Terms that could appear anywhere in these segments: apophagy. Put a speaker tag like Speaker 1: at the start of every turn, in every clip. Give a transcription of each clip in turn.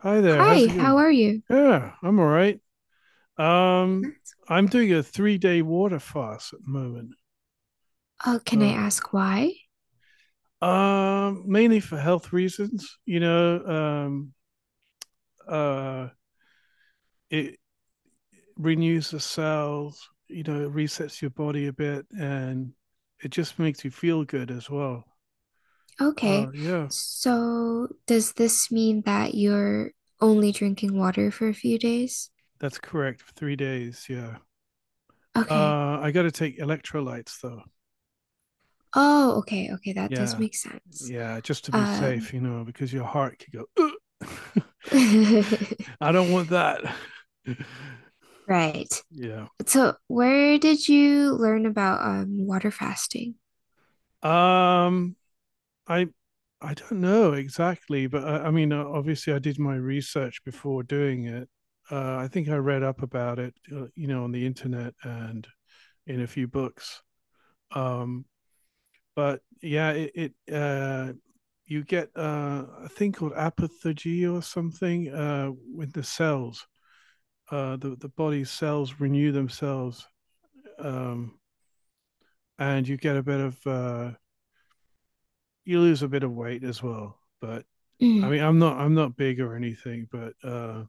Speaker 1: Hi there. How's
Speaker 2: Hi,
Speaker 1: it
Speaker 2: how
Speaker 1: going?
Speaker 2: are you?
Speaker 1: Yeah, I'm all right. Um, I'm doing a three-day water fast at the moment.
Speaker 2: Oh, can I
Speaker 1: Uh,
Speaker 2: ask why?
Speaker 1: Mainly for health reasons. Uh, it renews the cells. You know, it resets your body a bit, and it just makes you feel good as well.
Speaker 2: Okay.
Speaker 1: Yeah,
Speaker 2: So, does this mean that you're only drinking water for a few days?
Speaker 1: that's correct. Three days. Yeah.
Speaker 2: Okay.
Speaker 1: I got to take electrolytes though.
Speaker 2: Oh, okay, okay, that does
Speaker 1: Yeah.
Speaker 2: make sense.
Speaker 1: Yeah, just to be
Speaker 2: Um,
Speaker 1: safe, you know, because your heart could go. "Ugh." I don't want that.
Speaker 2: right.
Speaker 1: Yeah.
Speaker 2: So, where did you learn about water fasting?
Speaker 1: Um. I. I don't know exactly, but I mean, obviously, I did my research before doing it. I think I read up about it, you know, on the internet and in a few books. Um. But yeah, it. It you get a thing called apophagy or something, with the cells, the body's cells renew themselves, um, and you get a bit of you lose a bit of weight as well. But
Speaker 2: Mm-hmm.
Speaker 1: I mean, I'm not big or anything, but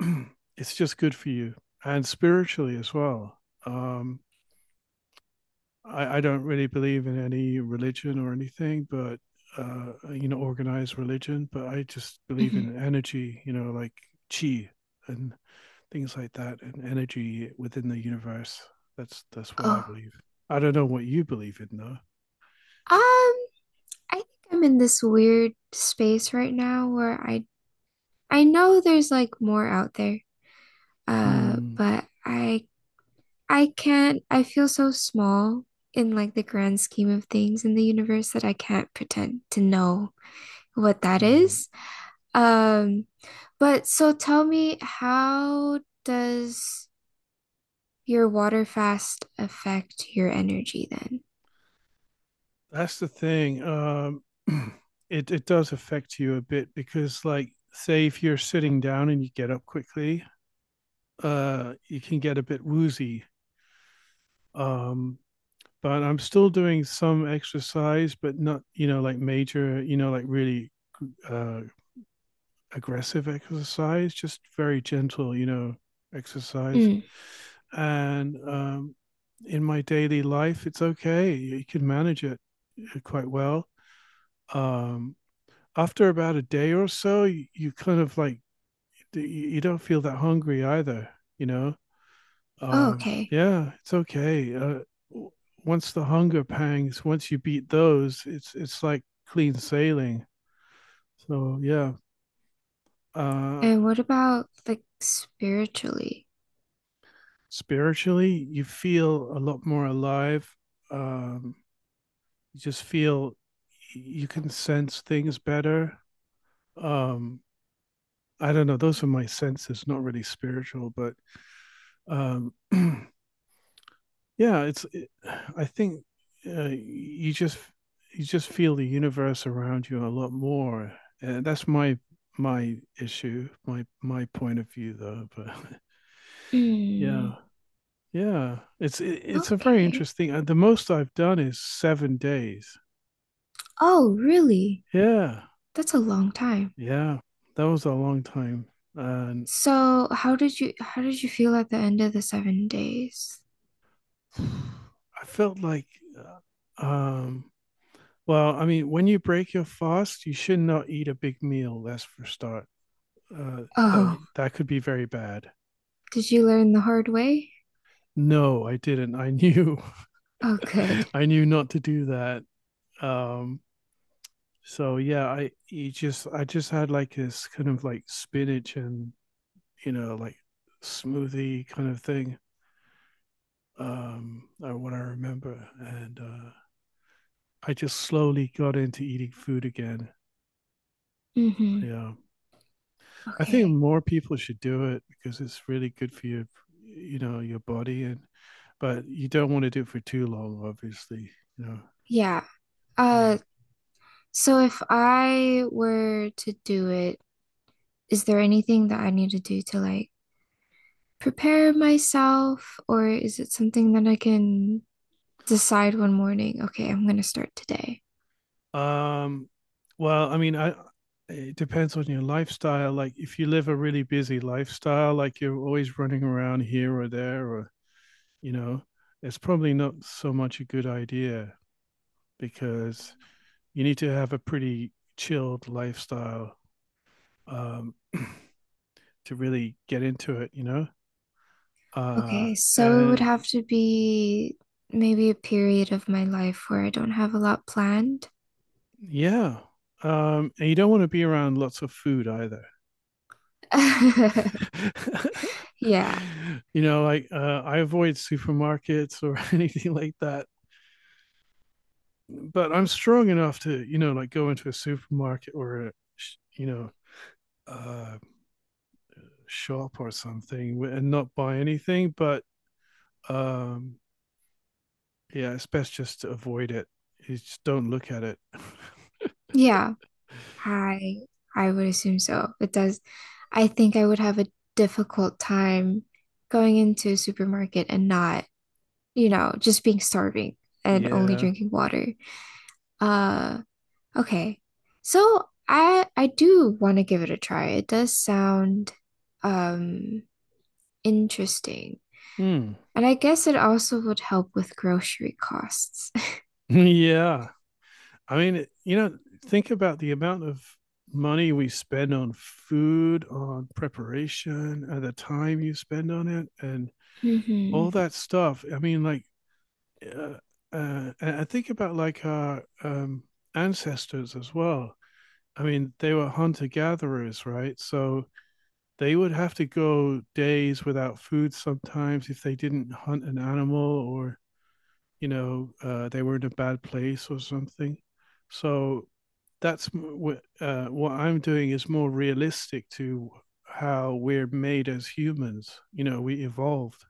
Speaker 1: it's just good for you and spiritually as well. Um, I don't really believe in any religion or anything, but you know, organized religion. But I just believe in energy, you know, like chi and things like that, and energy within the universe. That's what
Speaker 2: Oh,
Speaker 1: I believe. I don't know what you believe in though.
Speaker 2: I think I'm in this weird space right now where I know there's like more out there,
Speaker 1: Mm,
Speaker 2: but I can't, I feel so small in like the grand scheme of things in the universe that I can't pretend to know what that
Speaker 1: mm.
Speaker 2: is. Um, but so tell me, how does your water fast affect your energy then?
Speaker 1: That's the thing. It does affect you a bit because, like, say if you're sitting down and you get up quickly, you can get a bit woozy. Um, but I'm still doing some exercise, but not, you know, like major, you know, like really uh, aggressive exercise, just very gentle, you know, exercise.
Speaker 2: Mm.
Speaker 1: And in my daily life, it's okay. You can manage it, quite well. Um, After about a day or so, you kind of like, you don't feel that hungry either, you know?
Speaker 2: Oh, okay.
Speaker 1: Yeah, it's okay. Once the hunger pangs, once you beat those, it's like clean sailing. So yeah, uh,
Speaker 2: And what about like spiritually?
Speaker 1: spiritually, you feel a lot more alive. Um, you just feel you can sense things better. Um, I don't know. Those are my senses, not really spiritual, but um, yeah it's it, I think, uh, you just you just feel the universe around you a lot more, and that's my issue, my point of view though. But yeah
Speaker 2: Hmm.
Speaker 1: it's a very
Speaker 2: Okay.
Speaker 1: interesting, the most I've done is 7 days.
Speaker 2: Oh, really?
Speaker 1: Yeah.
Speaker 2: That's a long time.
Speaker 1: Yeah, that was a long time. And
Speaker 2: So, how did you feel at the end of the 7 days?
Speaker 1: I felt like, uh, um well, I mean, when you break your fast, you should not eat a big meal. That's for start. That
Speaker 2: Oh,
Speaker 1: that could be very bad.
Speaker 2: did you learn the hard way?
Speaker 1: No, I didn't. I knew,
Speaker 2: Oh, good.
Speaker 1: I knew not to do that. Um, so yeah, I just had like this kind of like spinach and, you know, like, smoothie kind of thing. Or what I remember, and I just slowly got into eating food again.
Speaker 2: Mm-hmm.
Speaker 1: Yeah, I think
Speaker 2: Okay.
Speaker 1: more people should do it because it's really good for your, you know, your body, and but you don't want to do it for too long, obviously. You know.
Speaker 2: Yeah.
Speaker 1: Yeah.
Speaker 2: Uh, so if I were to do it, is there anything that I need to do to like prepare myself, or is it something that I can decide one morning? Okay, I'm gonna start today.
Speaker 1: Um, well, I mean, I it depends on your lifestyle. Like if you live a really busy lifestyle, like you're always running around here or there, or you know, it's probably not so much a good idea because you need to have a pretty chilled lifestyle, um, to really get into it. You know, uh,
Speaker 2: Okay, so it would
Speaker 1: and
Speaker 2: have to be maybe a period of my life where I don't have a lot planned.
Speaker 1: yeah. And you don't want to be around lots of food either.
Speaker 2: Yeah.
Speaker 1: You know, like, I avoid supermarkets or anything like that. But I'm strong enough to, you know, like, go into a supermarket or a, you know, uh, shop or something, and not buy anything. But um, yeah, it's best just to avoid it. You just don't look at it.
Speaker 2: Yeah. I I would assume so. It does. I think I would have a difficult time going into a supermarket and not, you know, just being starving and only
Speaker 1: Yeah.
Speaker 2: drinking water. Uh, okay. So I do want to give it a try. It does sound um interesting.
Speaker 1: Hmm.
Speaker 2: And I guess it also would help with grocery costs.
Speaker 1: Yeah. I mean, you know, think about the amount of money we spend on food, on preparation, and the time you spend on it, and
Speaker 2: hmm
Speaker 1: all that stuff. I mean, like, uh, and I think about like our ancestors as well. I mean, they were hunter gatherers, right? So they would have to go days without food sometimes if they didn't hunt an animal or, you know, they were in a bad place or something. So that's what, what I'm doing is more realistic to how we're made as humans. You know, we evolved,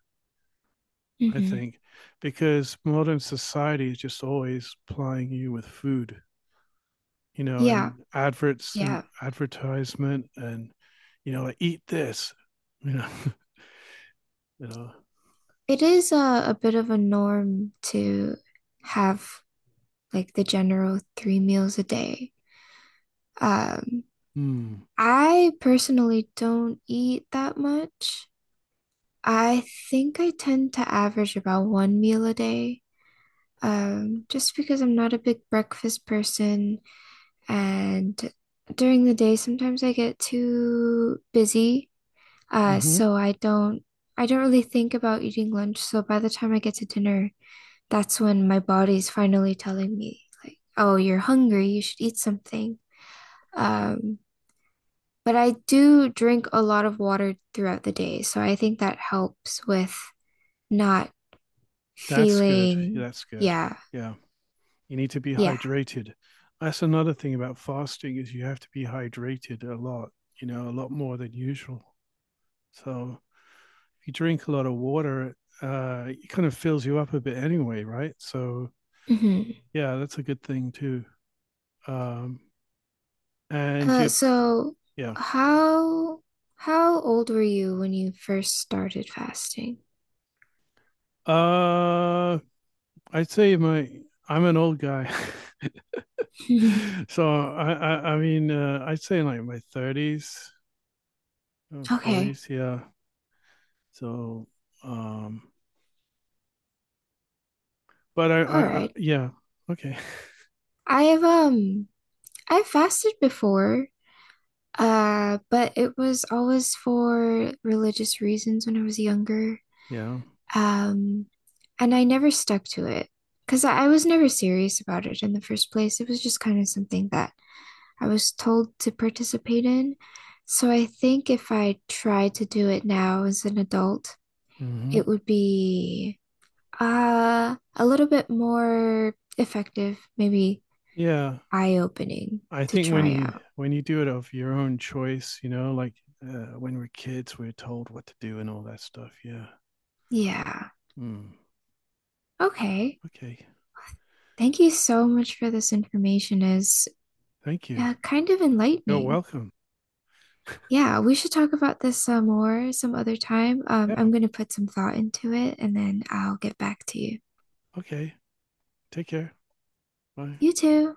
Speaker 1: I
Speaker 2: hmm
Speaker 1: think, because modern society is just always plying you with food. You know,
Speaker 2: Yeah,
Speaker 1: and adverts and
Speaker 2: yeah.
Speaker 1: advertisement, and you know, like, eat this. You know, you know,
Speaker 2: It is a bit of a norm to have like the general three meals a day. Um,
Speaker 1: mm,
Speaker 2: I personally don't eat that much. I think I tend to average about one meal a day, just because I'm not a big breakfast person. And during the day, sometimes I get too busy. Uh,
Speaker 1: mm-hmm.
Speaker 2: so I don't really think about eating lunch. So by the time I get to dinner, that's when my body's finally telling me like, oh, you're hungry, you should eat something. Um, but I do drink a lot of water throughout the day, so I think that helps with not
Speaker 1: That's good. Yeah,
Speaker 2: feeling,
Speaker 1: that's good.
Speaker 2: yeah,
Speaker 1: Yeah. You need to be
Speaker 2: yeah.
Speaker 1: hydrated. That's another thing about fasting is you have to be hydrated a lot, you know, a lot more than usual. So if you drink a lot of water, it kind of fills you up a bit anyway, right? So
Speaker 2: Hmm.
Speaker 1: yeah, that's a good thing too. Um, and you,
Speaker 2: So
Speaker 1: yeah.
Speaker 2: how how old were you when you first started fasting?
Speaker 1: Uh, I'd say my I'm an old guy, so I mean, I'd say in like my 30s,
Speaker 2: Okay,
Speaker 1: 40s, yeah. So um, but
Speaker 2: all
Speaker 1: I
Speaker 2: right.
Speaker 1: yeah, okay,
Speaker 2: I have I fasted before, but it was always for religious reasons when I was younger.
Speaker 1: yeah,
Speaker 2: Um, and I never stuck to it because I was never serious about it in the first place. It was just kind of something that I was told to participate in. So I think if I tried to do it now as an adult,
Speaker 1: hmm,
Speaker 2: it would be a little bit more effective, maybe
Speaker 1: yeah.
Speaker 2: eye-opening
Speaker 1: I
Speaker 2: to
Speaker 1: think when
Speaker 2: try
Speaker 1: you
Speaker 2: out.
Speaker 1: when you do it of your own choice, you know, like, when we're kids, we're told what to do and all that stuff. Yeah.
Speaker 2: Yeah.
Speaker 1: Mm.
Speaker 2: Okay.
Speaker 1: Okay.
Speaker 2: Thank you so much for this information. Is
Speaker 1: Thank you.
Speaker 2: kind of
Speaker 1: You're
Speaker 2: enlightening.
Speaker 1: welcome.
Speaker 2: Yeah, we should talk about this more some other time.
Speaker 1: Yeah.
Speaker 2: I'm going to put some thought into it and then I'll get back to you.
Speaker 1: Okay. Take care. Bye.
Speaker 2: You too.